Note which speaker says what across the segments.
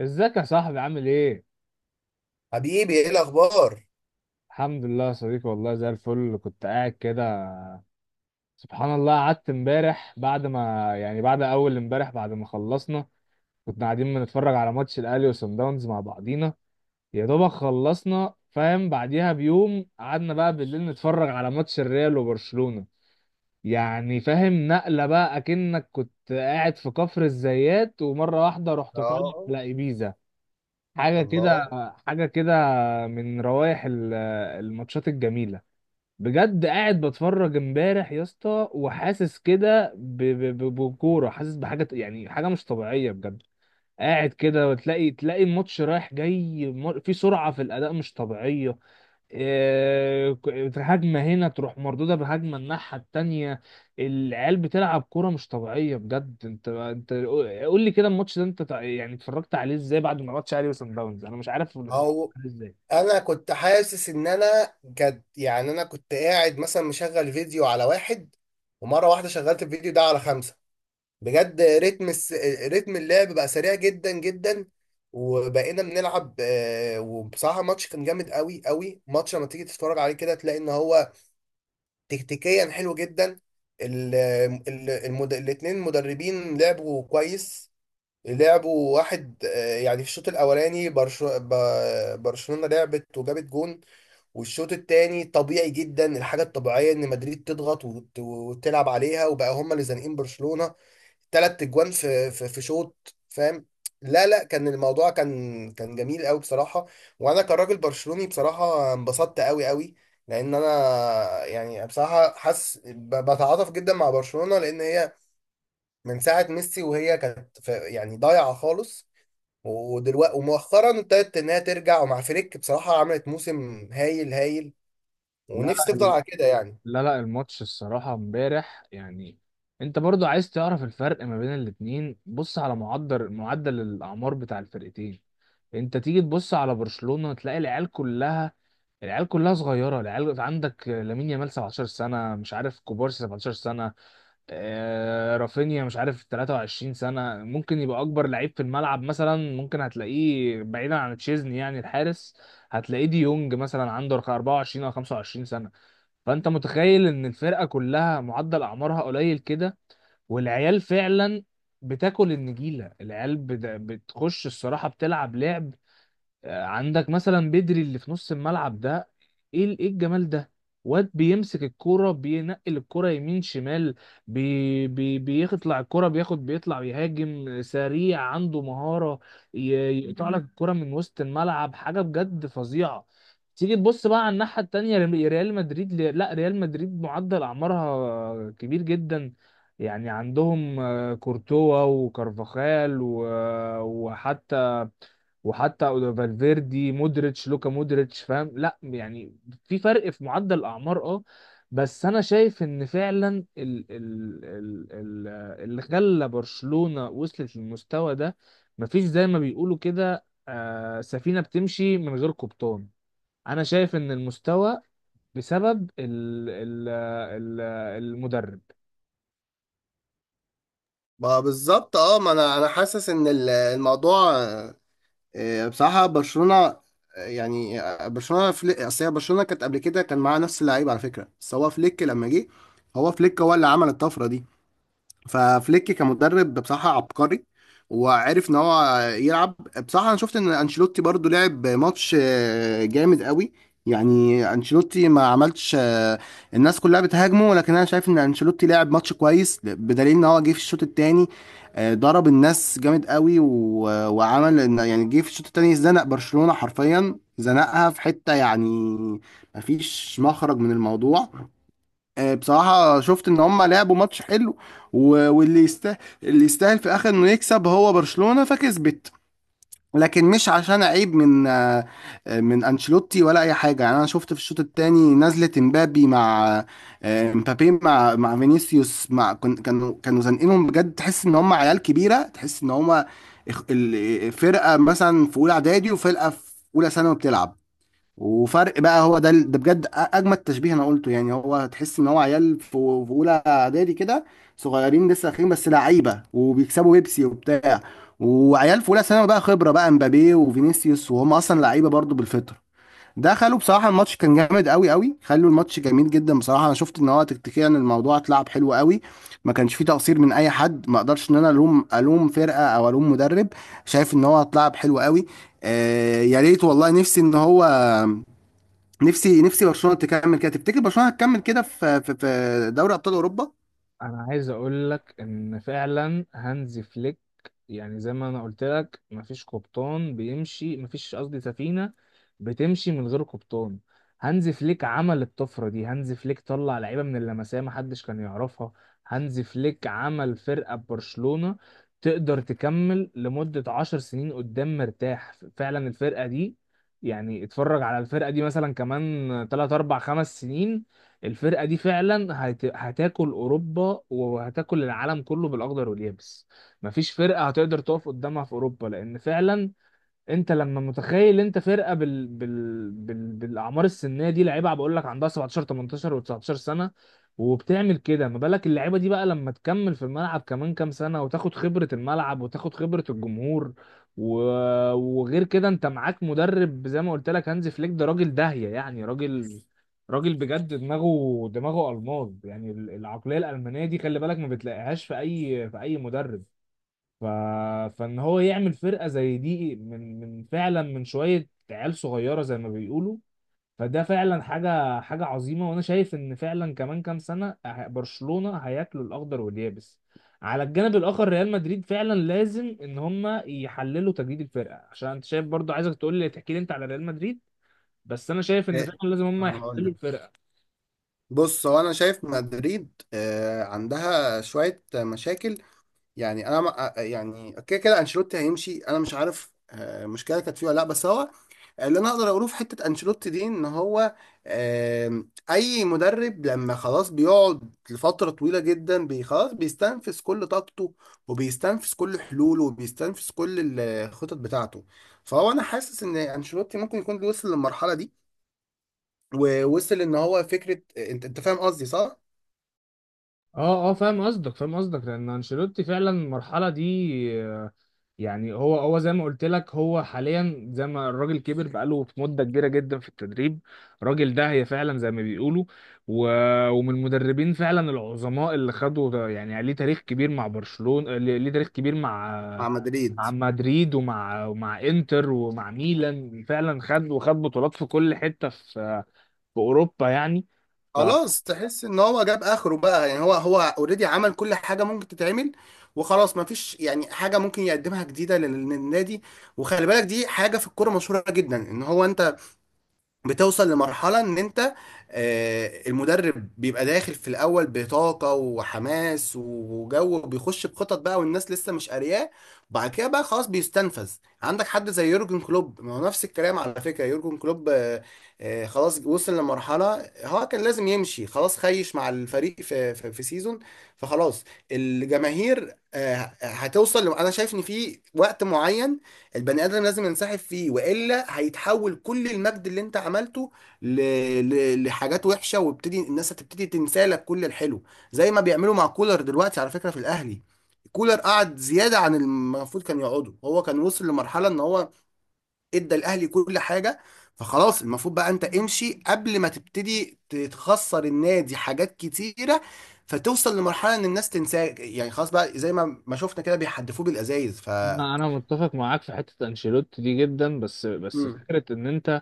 Speaker 1: ازيك يا صاحبي؟ عامل ايه؟
Speaker 2: حبيبي، ايه الاخبار؟
Speaker 1: الحمد لله يا صديقي، والله زي الفل. كنت قاعد كده، سبحان الله، قعدت امبارح بعد ما يعني بعد اول امبارح بعد ما خلصنا، كنا قاعدين بنتفرج على ماتش الاهلي وصن داونز مع بعضينا. يا دوبك خلصنا، فاهم، بعديها بيوم قعدنا بقى بالليل نتفرج على ماتش الريال وبرشلونة. يعني فاهم نقلة بقى، اكنك كنت قاعد في كفر الزيات ومرة واحدة رحت طالع
Speaker 2: اه.
Speaker 1: على ايبيزا. حاجة
Speaker 2: الله.
Speaker 1: كده، حاجة كده. من روائح الماتشات الجميلة. بجد قاعد بتفرج امبارح يا اسطى، وحاسس كده بكورة، حاسس بحاجة يعني حاجة مش طبيعية بجد. قاعد كده وتلاقي الماتش رايح جاي، في سرعة في الأداء مش طبيعية. آه، هجمة هنا تروح مردودة بهجمة الناحية التانية. العيال بتلعب كورة مش طبيعية بجد. انت قول لي كده، الماتش ده انت يعني اتفرجت عليه ازاي؟ بعد ما ماتش اهلي وصن داونز، انا مش عارف اللي حصل
Speaker 2: او،
Speaker 1: ازاي.
Speaker 2: انا كنت حاسس ان انا كد يعني انا كنت قاعد مثلا مشغل فيديو على واحد. ومره واحده شغلت الفيديو ده على خمسة. بجد، رتم اللعب بقى سريع جدا جدا. وبقينا بنلعب، وبصراحه الماتش كان جامد قوي قوي. ماتش لما تيجي تتفرج عليه كده، تلاقي ان هو تكتيكيا حلو جدا. ال... الاتنين مدربين لعبوا كويس. لعبوا واحد، يعني في الشوط الاولاني برشلونة لعبت وجابت جون. والشوط التاني طبيعي جدا. الحاجه الطبيعيه ان مدريد تضغط وتلعب عليها، وبقى هم اللي زانقين برشلونة تلات اجوان في شوط، فاهم. لا لا، كان الموضوع كان جميل قوي بصراحة. وانا كراجل برشلوني بصراحة انبسطت قوي قوي، لان انا يعني بصراحة حاسس بتعاطف جدا مع برشلونة، لان هي من ساعة ميسي وهي كانت يعني ضايعة خالص. ودلوقتي ومؤخرا ابتدت انها ترجع، ومع فريك بصراحه عملت موسم هايل هايل. ونفسي
Speaker 1: لا،
Speaker 2: تفضل على كده يعني.
Speaker 1: لا الماتش الصراحة امبارح يعني، انت برضو عايز تعرف الفرق ما بين الاتنين؟ بص على معدل الأعمار بتاع الفرقتين. انت تيجي تبص على برشلونة تلاقي العيال كلها، العيال كلها صغيرة. العيال عندك لامين يامال 17 سنة، مش عارف كوبارسي 17 سنة، آه، رافينيا مش عارف 23 سنة، ممكن يبقى أكبر لعيب في الملعب مثلا، ممكن هتلاقيه بعيدا عن تشيزني يعني الحارس. هتلاقيه دي يونج مثلا عنده 24 أو 25 سنة. فأنت متخيل إن الفرقة كلها معدل أعمارها قليل كده. والعيال فعلا بتاكل النجيلة، العيال بتخش الصراحة، بتلعب لعب. عندك مثلا بدري اللي في نص الملعب ده، ايه ايه الجمال ده. واد بيمسك الكرة، بينقل الكرة يمين شمال، بي بي بيطلع الكرة، بياخد، بيطلع، بيهاجم سريع، عنده مهارة، ي- يقطع لك الكرة من وسط الملعب، حاجة بجد فظيعة. تيجي تبص بقى على الناحية التانية، ريال مدريد، لا، ريال مدريد معدل أعمارها كبير جدا. يعني عندهم آه، كورتوا وكارفاخال وحتى وحتى فالفيردي، مودريتش، لوكا مودريتش، فاهم، لا يعني في فرق في معدل الاعمار، اه. بس انا شايف ان فعلا ال ال ال ال اللي خلى برشلونة وصلت للمستوى ده، مفيش زي ما بيقولوا كده، آه، سفينة بتمشي من غير قبطان. انا شايف ان المستوى بسبب ال ال ال المدرب.
Speaker 2: ما بالظبط، اه، ما انا حاسس ان الموضوع، بصراحه برشلونه، يعني، برشلونه فليك. اصل هي برشلونه كانت قبل كده كان معاها نفس اللعيبه على فكره، بس هو فليك لما جه، هو فليك هو اللي عمل الطفره دي. ففليك كمدرب بصراحة عبقري، وعرف ان هو يلعب. بصراحة انا شفت ان انشيلوتي برضو لعب ماتش جامد قوي. يعني انشيلوتي ما عملش، الناس كلها بتهاجمه، لكن انا شايف ان انشيلوتي لعب ماتش كويس، بدليل ان هو جه في الشوط التاني ضرب الناس جامد قوي، وعمل يعني جه في الشوط التاني زنق برشلونة حرفيا، زنقها في حتة يعني مفيش مخرج من الموضوع. بصراحة شفت ان هم لعبوا ماتش حلو، واللي يستاهل، اللي يستاهل في الاخر انه يكسب هو برشلونة، فكسبت. لكن مش عشان عيب من، من انشيلوتي ولا اي حاجة. يعني انا شفت في الشوط الثاني نزلة امبابي مع، مبابي مع فينيسيوس مع كانوا زنقينهم بجد. تحس ان هم عيال كبيرة، تحس ان هم فرقة مثلا في اولى اعدادي وفرقة في اولى ثانوي بتلعب. وفرق بقى، هو ده بجد اجمد تشبيه انا قلته. يعني هو هتحس ان هو عيال في اولى اعدادي كده، صغيرين لسه اخرين بس لعيبه وبيكسبوا بيبسي وبتاع. وعيال في اولى ثانوي بقى خبره، بقى امبابي وفينيسيوس، وهم اصلا لعيبه برضو بالفطره. دخلوا بصراحه، الماتش كان جامد قوي قوي، خلوا الماتش جميل جدا. بصراحه انا شفت ان هو تكتيكيا الموضوع اتلعب حلو قوي. ما كانش فيه تقصير من اي حد. ما اقدرش ان انا الوم، الوم فرقه او الوم مدرب. شايف ان هو اتلعب حلو قوي. آه يا ريت والله، نفسي ان هو، نفسي نفسي برشلونه تكمل كده. تفتكر برشلونه هتكمل كده في في دوري ابطال اوروبا؟
Speaker 1: انا عايز اقول لك ان فعلا هانز فليك، يعني زي ما انا قلت لك، مفيش قبطان بيمشي، مفيش، قصدي، سفينة بتمشي من غير قبطان. هانز فليك عمل الطفرة دي. هانز فليك طلع لعيبة من اللمسية محدش كان يعرفها. هانز فليك عمل فرقة ببرشلونة تقدر تكمل لمدة 10 سنين قدام مرتاح فعلا. الفرقة دي يعني اتفرج على الفرقة دي مثلا كمان 3 4 5 سنين، الفرقة دي فعلا هتاكل أوروبا وهتاكل العالم كله بالأخضر واليابس. مفيش فرقة هتقدر تقف قدامها في أوروبا، لأن فعلا انت لما متخيل انت فرقه بالاعمار السنيه دي، لعيبه بقول لك عندها 17 18 و19 سنه، وبتعمل كده، ما بالك اللعيبه دي بقى لما تكمل في الملعب كمان كام سنه، وتاخد خبره الملعب وتاخد خبره الجمهور، و... وغير كده انت معاك مدرب زي ما قلت لك، هانز فليك ده راجل داهيه، يعني راجل بجد، دماغه الماظ، يعني العقليه الالمانيه دي خلي بالك ما بتلاقيهاش في اي مدرب. ف... فان هو يعمل فرقه زي دي من فعلا من شويه عيال صغيره زي ما بيقولوا، فده فعلا حاجه عظيمه. وانا شايف ان فعلا كمان كام سنه، برشلونه هياكلوا الاخضر واليابس. على الجانب الاخر ريال مدريد فعلا لازم ان هم يحللوا تجديد الفرقه، عشان انت شايف، برضو عايزك تقول لي، تحكي لي انت على ريال مدريد. بس انا شايف ان
Speaker 2: إيه،
Speaker 1: فعلا لازم هم
Speaker 2: هقول
Speaker 1: يحللوا
Speaker 2: لك.
Speaker 1: الفرقه.
Speaker 2: بص، هو انا شايف مدريد عندها شويه مشاكل. يعني انا يعني كده كده انشيلوتي هيمشي. انا مش عارف مشكله كانت فيه ولا لا، بس هو اللي انا اقدر اقوله في حته انشيلوتي دي، ان هو اي مدرب لما خلاص بيقعد لفتره طويله جدا خلاص بيستنفذ كل طاقته، وبيستنفذ كل حلوله، وبيستنفذ كل الخطط بتاعته. فهو انا حاسس ان انشيلوتي ممكن يكون وصل للمرحله دي، ووصل ان هو فكره. انت فاهم قصدي صح؟
Speaker 1: اه، اه، فاهم قصدك، فاهم قصدك لان انشيلوتي فعلا المرحله دي آه، يعني هو زي ما قلت لك هو حاليا، زي ما الراجل كبر، بقاله في مده كبيره جدا في التدريب. الراجل ده هي فعلا زي ما بيقولوا، و... ومن المدربين فعلا العظماء اللي خدوا يعني ليه تاريخ كبير مع برشلونه، ليه تاريخ كبير مع
Speaker 2: مع مدريد.
Speaker 1: مع مدريد ومع انتر ومع ميلان. فعلا خد وخد بطولات في كل حته في في اوروبا يعني.
Speaker 2: خلاص، تحس ان هو جاب اخره بقى. يعني هو اوريدي عمل كل حاجه ممكن تتعمل، وخلاص ما فيش يعني حاجه ممكن يقدمها جديده للنادي. وخلي بالك، دي حاجه في الكوره مشهوره جدا، ان هو انت بتوصل لمرحلة ان انت، المدرب بيبقى داخل في الاول بطاقة وحماس وجو، بيخش بخطط بقى والناس لسه مش قارياه، وبعد كده بقى خلاص بيستنفذ. عندك حد زي يورجن كلوب. ما هو نفس الكلام على فكرة، يورجن كلوب خلاص وصل لمرحلة هو كان لازم يمشي. خلاص خيش مع الفريق في سيزون، فخلاص الجماهير هتوصل. انا شايف ان في وقت معين البني ادم لازم ينسحب فيه، والا هيتحول كل المجد اللي انت عملته ل... لحاجات وحشه، ويبتدي الناس، هتبتدي تنسى لك كل الحلو. زي ما بيعملوا مع كولر دلوقتي على فكره في الاهلي. كولر قعد زياده عن المفروض كان يقعده. هو كان وصل لمرحله ان هو ادى الاهلي كل حاجه، فخلاص المفروض بقى انت امشي قبل ما تبتدي تخسر النادي حاجات كتيره، فتوصل لمرحله ان الناس تنساك. يعني خلاص بقى زي ما شفنا كده بيحدفوه بالازايز. ف،
Speaker 1: انا، متفق معاك في حته انشيلوتي دي جدا، بس فكره ان انت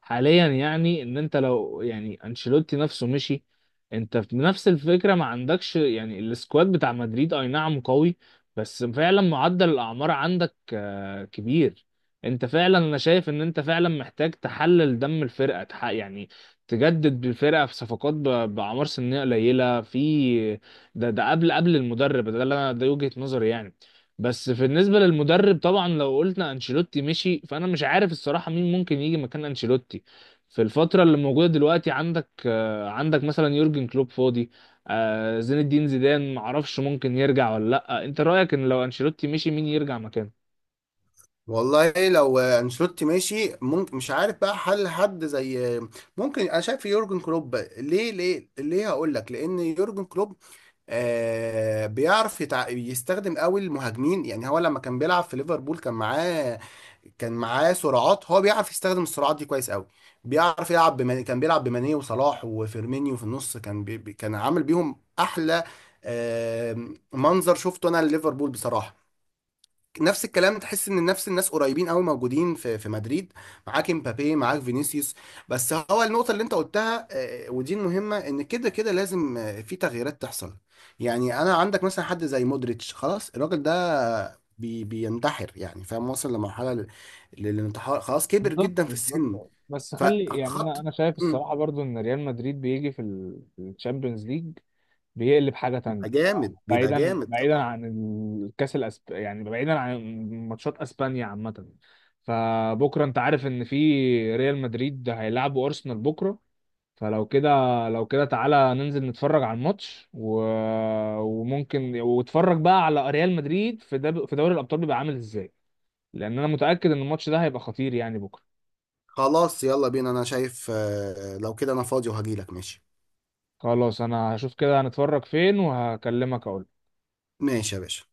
Speaker 1: حاليا يعني ان انت لو يعني انشيلوتي نفسه مشي، انت في نفس الفكره ما عندكش يعني السكواد بتاع مدريد، اي نعم قوي، بس فعلا معدل الاعمار عندك آه، كبير. انت فعلا، انا شايف ان انت فعلا محتاج تحلل دم الفرقه، يعني تجدد بالفرقه في صفقات باعمار سنيه قليله في، ده قبل المدرب ده اللي انا، ده وجهه نظري يعني. بس في بالنسبة للمدرب طبعا، لو قلنا انشيلوتي مشي، فانا مش عارف الصراحة مين ممكن يجي مكان انشيلوتي في الفترة اللي موجودة دلوقتي. عندك آه، عندك مثلا يورجن كلوب فاضي، آه، زين الدين زيدان، معرفش ممكن يرجع ولا لأ. انت رأيك ان لو انشيلوتي مشي مين يرجع مكانه؟
Speaker 2: والله لو انشيلوتي ماشي ممكن، مش عارف بقى، حل حد زي، ممكن انا شايف يورجن كلوب. ليه، هقول لك. لان يورجن كلوب آه بيعرف يستخدم قوي المهاجمين. يعني هو لما كان بيلعب في ليفربول كان معاه، كان معاه سرعات. هو بيعرف يستخدم السرعات دي كويس قوي. بيعرف يلعب كان بيلعب بماني وصلاح وفيرمينيو في النص. كان كان عامل بيهم احلى آه منظر شفته انا لليفربول بصراحة. نفس الكلام، تحس ان نفس الناس قريبين قوي موجودين في مدريد. معاك امبابي، معاك فينيسيوس. بس هو النقطه اللي انت قلتها، ودي المهمه، ان كده كده لازم، في تغييرات تحصل. يعني انا عندك مثلا حد زي مودريتش، خلاص الراجل ده بي بينتحر يعني، فاهم، وصل لمرحله للانتحار، خلاص كبر
Speaker 1: بالظبط
Speaker 2: جدا في السن.
Speaker 1: بالظبط بس خلي يعني،
Speaker 2: فخط.
Speaker 1: انا شايف
Speaker 2: مم.
Speaker 1: الصراحه برضو ان ريال مدريد بيجي في الشامبيونز ليج بيقلب حاجه تانية.
Speaker 2: بيبقى جامد، بيبقى جامد
Speaker 1: بعيدا
Speaker 2: طبعا.
Speaker 1: عن الكاس يعني بعيدا عن ماتشات اسبانيا عامه. فبكره انت عارف ان في ريال مدريد هيلعبوا ارسنال بكره. فلو كده، لو كده تعالى ننزل نتفرج على الماتش، وممكن واتفرج بقى على ريال مدريد في في دوري الابطال بيبقى عامل ازاي. لان انا متاكد ان الماتش ده هيبقى خطير يعني بكره.
Speaker 2: خلاص يلا بينا. انا شايف، لو كده انا فاضي وهجيلك. ماشي.
Speaker 1: خلاص انا هشوف كده هنتفرج فين وهكلمك اقول.
Speaker 2: ماشي يا باشا.